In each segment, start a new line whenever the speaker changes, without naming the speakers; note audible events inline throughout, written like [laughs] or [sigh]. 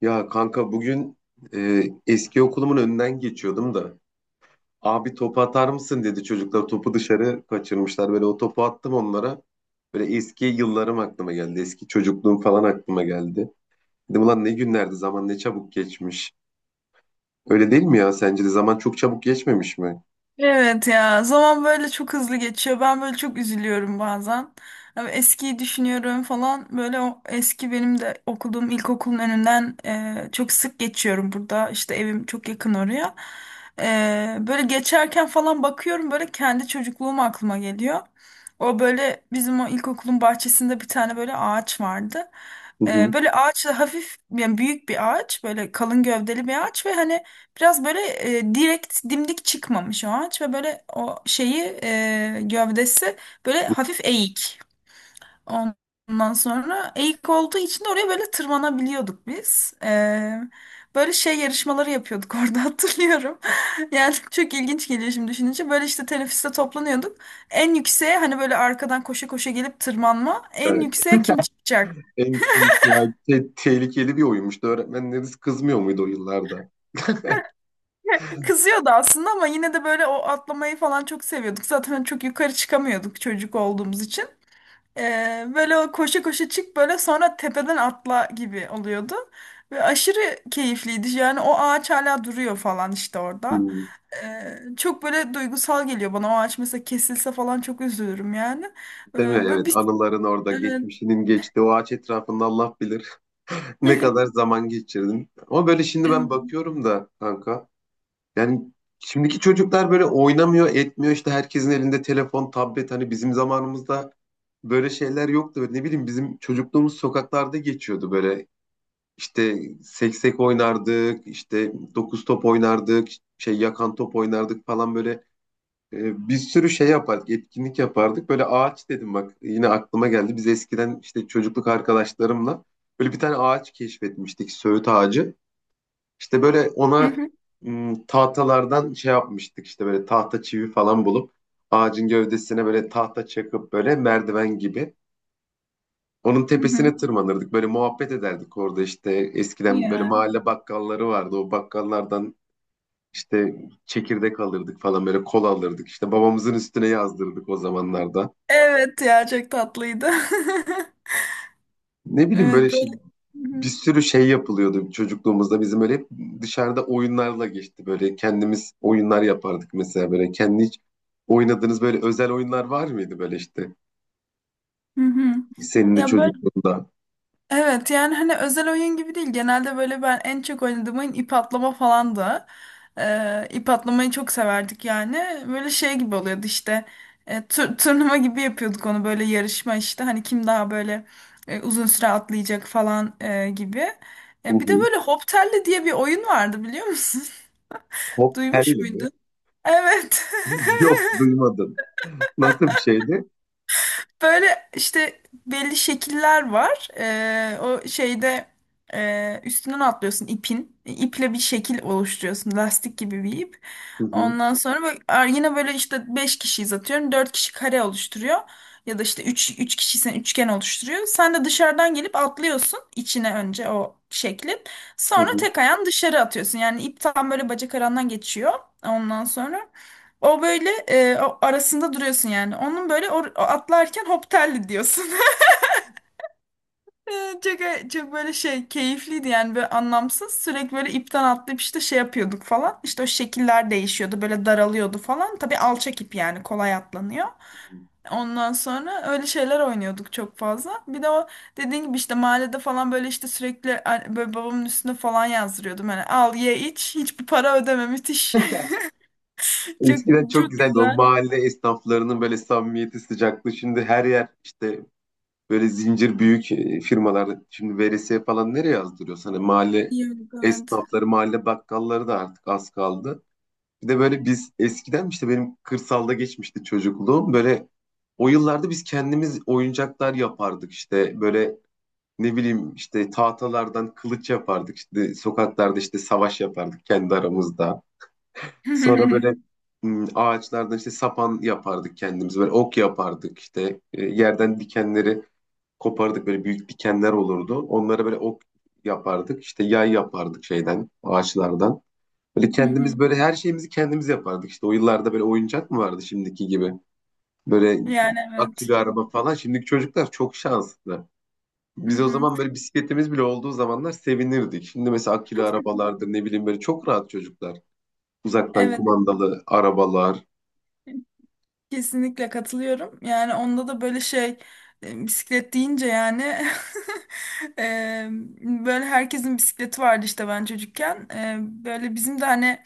Ya kanka bugün eski okulumun önünden geçiyordum da abi topu atar mısın dedi çocuklar topu dışarı kaçırmışlar böyle o topu attım onlara böyle eski yıllarım aklıma geldi eski çocukluğum falan aklıma geldi dedim ulan ne günlerdi zaman ne çabuk geçmiş öyle değil mi ya sence de zaman çok çabuk geçmemiş mi?
Evet ya zaman böyle çok hızlı geçiyor. Ben böyle çok üzülüyorum bazen. Ama eskiyi düşünüyorum falan. Böyle o eski benim de okuduğum ilkokulun önünden çok sık geçiyorum burada. İşte evim çok yakın oraya. Böyle geçerken falan bakıyorum böyle kendi çocukluğum aklıma geliyor. O böyle bizim o ilkokulun bahçesinde bir tane böyle ağaç vardı.
Hı
E,
hı.
böyle ağaçla hafif yani büyük bir ağaç böyle kalın gövdeli bir ağaç ve hani biraz böyle direkt dimdik çıkmamış o ağaç ve böyle o şeyi gövdesi böyle hafif eğik. Ondan sonra eğik olduğu için de oraya böyle tırmanabiliyorduk biz. Böyle şey yarışmaları yapıyorduk [laughs] orada hatırlıyorum. Yani çok ilginç geliyor şimdi düşününce. Böyle işte teneffüste toplanıyorduk. En yükseğe hani böyle arkadan koşa koşa gelip tırmanma. En
Yani
yükseğe kim çıkacak?
en yani tehlikeli bir oyunmuştu öğretmenleriniz kızmıyor muydu o yıllarda?
[laughs] Kızıyordu aslında ama yine de böyle o atlamayı falan çok seviyorduk. Zaten çok yukarı çıkamıyorduk çocuk olduğumuz için. Böyle o koşa koşa çık böyle sonra tepeden atla gibi oluyordu. Ve aşırı keyifliydi. Yani o ağaç hala duruyor falan işte orada.
Hmm.
Çok böyle duygusal geliyor bana. O ağaç mesela kesilse falan çok üzülürüm yani.
Değil mi?
Böyle
Evet
bir...
anıların orada
Evet.
geçmişinin geçti o ağaç etrafında Allah bilir. Ne kadar zaman geçirdim. Ama böyle şimdi ben
Evet.
bakıyorum da kanka. Yani şimdiki çocuklar böyle oynamıyor, etmiyor. İşte herkesin elinde telefon, tablet. Hani bizim zamanımızda böyle şeyler yoktu. Böyle ne bileyim bizim çocukluğumuz sokaklarda geçiyordu böyle. İşte seksek oynardık, işte dokuz top oynardık, şey yakan top oynardık falan böyle. Bir sürü şey yapardık, etkinlik yapardık. Böyle ağaç dedim bak yine aklıma geldi. Biz eskiden işte çocukluk arkadaşlarımla böyle bir tane ağaç keşfetmiştik, söğüt ağacı. İşte böyle
Hı
ona
hı,
tahtalardan şey yapmıştık işte böyle tahta çivi falan bulup ağacın gövdesine böyle tahta çakıp böyle merdiven gibi. Onun
hı hı.
tepesine tırmanırdık. Böyle muhabbet ederdik orada işte. Eskiden böyle
Ya.
mahalle bakkalları vardı. O bakkallardan işte çekirdek alırdık falan böyle kola alırdık. İşte babamızın üstüne yazdırdık o zamanlarda.
Evet ya çok tatlıydı. [laughs]
Ne bileyim böyle
Evet
şey,
böyle. Hı
bir
hı.
sürü şey yapılıyordu çocukluğumuzda. Bizim öyle hep dışarıda oyunlarla geçti. Böyle kendimiz oyunlar yapardık mesela böyle. Kendi hiç oynadığınız böyle özel oyunlar var mıydı böyle işte?
Hı hı.
Senin de
Ya böyle
çocukluğunda.
evet yani hani özel oyun gibi değil. Genelde böyle ben en çok oynadığım oyun ip atlama falandı. İp atlamayı çok severdik yani. Böyle şey gibi oluyordu işte. Turnuva gibi yapıyorduk onu böyle yarışma işte. Hani kim daha böyle uzun süre atlayacak falan gibi.
Hı
Bir de
hı.
böyle Hop Telli diye bir oyun vardı biliyor musun?
Hop
[laughs] Duymuş
telli mi?
muydun? Evet. [laughs]
[laughs] Yok duymadım. Nasıl bir şeydi?
Böyle işte belli şekiller var. O şeyde üstünden atlıyorsun ipin. İple bir şekil oluşturuyorsun. Lastik gibi bir ip.
Hı hı.
Ondan sonra bak, yine böyle işte 5 kişiyiz atıyorum. Dört kişi kare oluşturuyor. Ya da işte üç kişiysen üçgen oluşturuyor. Sen de dışarıdan gelip atlıyorsun içine önce o şeklin.
Hı
Sonra
hı.
tek ayağın dışarı atıyorsun. Yani ip tam böyle bacak arandan geçiyor. Ondan sonra. O böyle o arasında duruyorsun yani. Onun böyle o atlarken hop telli diyorsun. [laughs] Çok böyle şey keyifliydi yani böyle anlamsız. Sürekli böyle ipten atlayıp işte şey yapıyorduk falan. İşte o şekiller değişiyordu böyle daralıyordu falan. Tabii alçak ip yani kolay atlanıyor. Ondan sonra öyle şeyler oynuyorduk çok fazla. Bir de o dediğin gibi işte mahallede falan böyle işte sürekli böyle babamın üstüne falan yazdırıyordum. Hani al ye iç hiçbir para ödeme müthiş. [laughs] Çok
Eskiden çok
çok
güzeldi. O
güzel.
mahalle esnaflarının böyle samimiyeti, sıcaklığı. Şimdi her yer işte böyle zincir büyük firmalar. Şimdi veresiye falan nereye yazdırıyor sana? Mahalle
Yiyorduk evet.
esnafları, mahalle bakkalları da artık az kaldı. Bir de böyle biz eskiden işte benim kırsalda geçmişti çocukluğum. Böyle o yıllarda biz kendimiz oyuncaklar yapardık işte. Böyle ne bileyim işte tahtalardan kılıç yapardık. İşte sokaklarda işte savaş yapardık kendi aramızda. Sonra böyle
[laughs]
ağaçlardan işte sapan yapardık kendimiz. Böyle ok yapardık işte. Yerden dikenleri kopardık. Böyle büyük dikenler olurdu. Onlara böyle ok yapardık. İşte yay yapardık şeyden, ağaçlardan. Böyle
Hı hı.
kendimiz böyle her şeyimizi kendimiz yapardık. İşte o yıllarda böyle oyuncak mı vardı şimdiki gibi? Böyle
Yani evet.
akülü araba falan. Şimdiki çocuklar çok şanslı.
Hı
Biz o
hı.
zaman böyle bisikletimiz bile olduğu zamanlar sevinirdik. Şimdi mesela akülü arabalardır ne bileyim böyle çok rahat çocuklar. Uzaktan
Evet.
kumandalı arabalar.
Kesinlikle katılıyorum. Yani onda da böyle şey bisiklet deyince yani [laughs] e, böyle herkesin bisikleti vardı işte ben çocukken. Böyle bizim de hani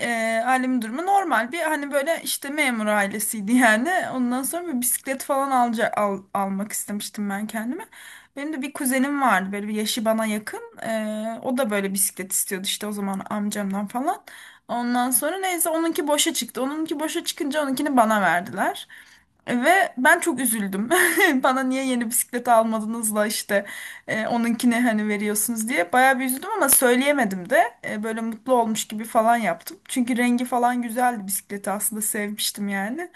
E, ailemin durumu normal bir hani böyle işte memur ailesiydi yani. Ondan sonra bir bisiklet falan almak istemiştim ben kendime. Benim de bir kuzenim vardı böyle bir yaşı bana yakın. O da böyle bisiklet istiyordu işte o zaman amcamdan falan. Ondan sonra neyse onunki boşa çıktı. Onunki boşa çıkınca onunkini bana verdiler. Ve ben çok üzüldüm. [laughs] Bana niye yeni bisiklet almadınız da işte onunkini hani veriyorsunuz diye. Bayağı bir üzüldüm ama söyleyemedim de böyle mutlu olmuş gibi falan yaptım. Çünkü rengi falan güzeldi bisikleti aslında sevmiştim yani.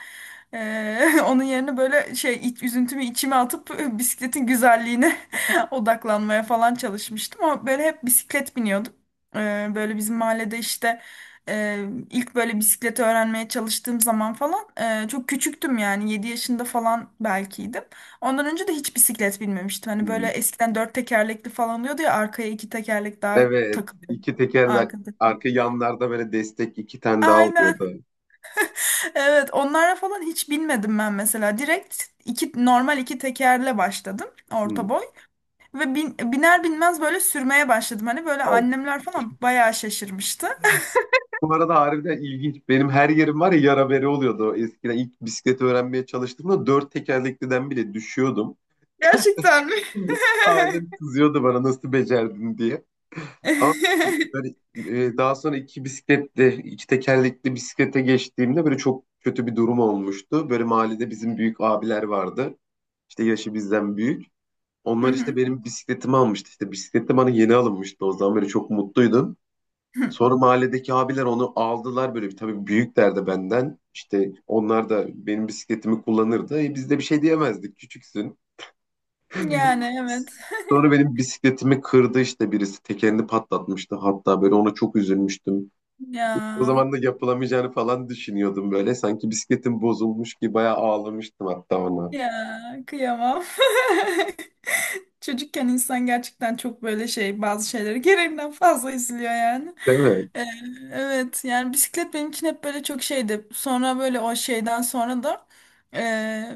[laughs] Onun yerine böyle şey üzüntümü içime atıp [laughs] bisikletin güzelliğine [laughs] odaklanmaya falan çalışmıştım. Ama böyle hep bisiklet biniyordum. Böyle bizim mahallede işte e, ilk böyle bisikleti öğrenmeye çalıştığım zaman falan çok küçüktüm yani 7 yaşında falan belkiydim. Ondan önce de hiç bisiklet binmemiştim. Hani böyle
Hmm.
eskiden dört tekerlekli falan oluyordu ya arkaya iki tekerlek daha
Evet.
takılıyor.
iki tekerlek
Arkadaki.
arka yanlarda böyle destek iki tane daha
Aynen.
oluyordu.
Evet, onlara falan hiç binmedim ben mesela. Direkt iki normal iki tekerle başladım orta
Hmm.
boy ve biner binmez böyle sürmeye başladım. Hani böyle
Al.
annemler falan bayağı şaşırmıştı.
Bu arada harbiden ilginç. Benim her yerim var ya yara bere oluyordu. Eskiden ilk bisikleti öğrenmeye çalıştığımda dört tekerlekliden bile düşüyordum.
Gerçekten mi?
Ailem kızıyordu bana nasıl becerdin diye. Ama böyle,
[laughs]
daha sonra iki bisikletli, iki tekerlekli bisiklete geçtiğimde böyle çok kötü bir durum olmuştu. Böyle mahallede bizim büyük abiler vardı. İşte yaşı bizden büyük.
Hı
Onlar işte
hı.
benim bisikletimi almıştı. İşte bisikletim bana yeni alınmıştı o zaman böyle çok mutluydum. Sonra mahalledeki abiler onu aldılar böyle bir tabii büyükler de benden. İşte onlar da benim bisikletimi kullanırdı. Biz de bir şey diyemezdik küçüksün.
Yani
[laughs]
evet.
Sonra benim bisikletimi kırdı işte birisi tekerini patlatmıştı hatta böyle ona çok üzülmüştüm. O zaman
Ya.
da yapılamayacağını falan düşünüyordum böyle. Sanki bisikletim bozulmuş gibi bayağı ağlamıştım hatta ona.
Ya kıyamam. [laughs] Çocukken insan gerçekten çok böyle şey bazı şeyleri gereğinden fazla izliyor yani.
Değil mi?
Ee, evet yani bisiklet benim için hep böyle çok şeydi. Sonra böyle o şeyden sonra da e,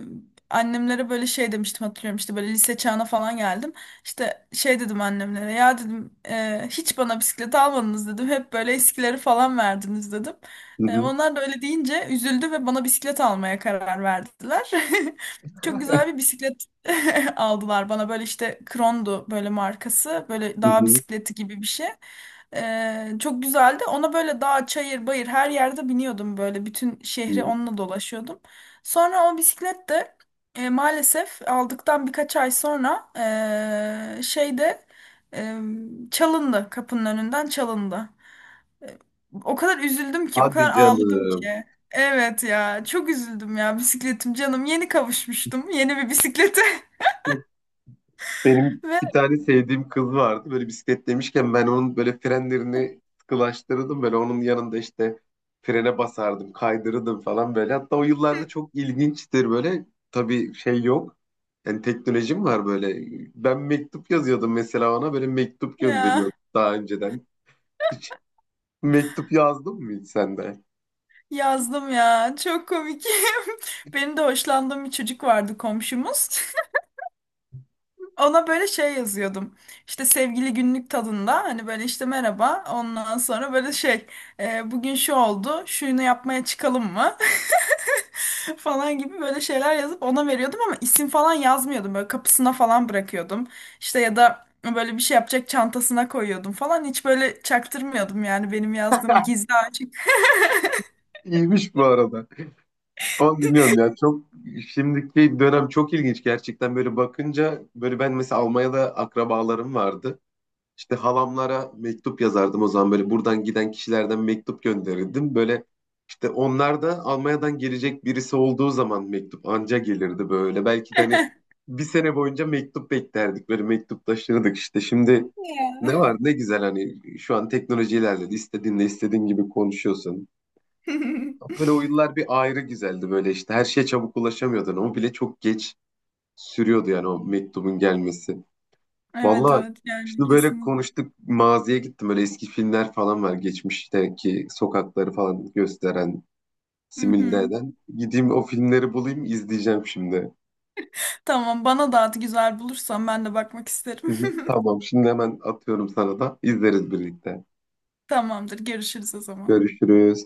annemlere böyle şey demiştim hatırlıyorum işte böyle lise çağına falan geldim. İşte şey dedim annemlere ya dedim hiç bana bisiklet almadınız dedim. Hep böyle eskileri falan verdiniz dedim.
Hı
E,
hı,
Onlar da öyle deyince üzüldü ve bana bisiklet almaya karar verdiler. [laughs] Çok güzel bir bisiklet [laughs] aldılar bana. Böyle işte Krondu böyle markası. Böyle
hı
dağ
hı.
bisikleti gibi bir şey. Çok güzeldi. Ona böyle dağ, çayır, bayır her yerde biniyordum böyle. Bütün şehri
Hı.
onunla dolaşıyordum. Sonra o bisiklet de maalesef aldıktan birkaç ay sonra şeyde e, çalındı. Kapının önünden çalındı. O kadar üzüldüm ki, o
Hadi
kadar ağladım
canım.
ki. Evet ya, çok üzüldüm ya bisikletim canım. Yeni kavuşmuştum yeni bir bisiklete.
Benim
[laughs] Ve
bir tane sevdiğim kız vardı. Böyle bisiklet demişken ben onun böyle frenlerini sıkılaştırırdım. Böyle onun yanında işte frene basardım, kaydırırdım falan böyle. Hatta o yıllarda çok ilginçtir böyle. Tabii şey yok. Yani teknolojim var böyle. Ben mektup yazıyordum mesela ona. Böyle mektup gönderiyordum
ya
daha önceden. Hiç mektup yazdın mı hiç sen de?
yazdım ya. Çok komik. [laughs] Benim de hoşlandığım bir çocuk vardı komşumuz. [laughs] Ona böyle şey yazıyordum. İşte sevgili günlük tadında hani böyle işte merhaba. Ondan sonra böyle şey bugün şu oldu. Şunu yapmaya çıkalım mı? [laughs] falan gibi böyle şeyler yazıp ona veriyordum ama isim falan yazmıyordum. Böyle kapısına falan bırakıyordum. İşte ya da böyle bir şey yapacak çantasına koyuyordum falan. Hiç böyle çaktırmıyordum yani benim yazdığım
[laughs]
gizli açık.
İyiymiş bu arada. Ama bilmiyorum ya çok şimdiki dönem çok ilginç gerçekten böyle bakınca böyle ben mesela Almanya'da akrabalarım vardı. İşte halamlara mektup yazardım o zaman böyle buradan giden kişilerden mektup gönderirdim. Böyle işte onlar da Almanya'dan gelecek birisi olduğu zaman mektup anca gelirdi böyle. Belki de hani bir sene boyunca mektup beklerdik böyle mektup taşırdık işte. Şimdi ne
Ya.
var ne güzel hani şu an teknoloji ilerledi istediğinle istediğin gibi konuşuyorsun.
[laughs]
Böyle o yıllar bir ayrı güzeldi böyle işte her şeye çabuk ulaşamıyordun. O bile çok geç sürüyordu yani o mektubun gelmesi.
Evet
Valla
evet yani
şimdi böyle
kesinlikle.
konuştuk maziye gittim böyle eski filmler falan var geçmişteki sokakları falan gösteren
Hı
simüle
hı.
eden gideyim o filmleri bulayım izleyeceğim şimdi.
Tamam bana da at güzel bulursan ben de bakmak
Hı
isterim.
hı,
[laughs]
tamam şimdi hemen atıyorum sana da izleriz birlikte.
Tamamdır görüşürüz o zaman.
Görüşürüz.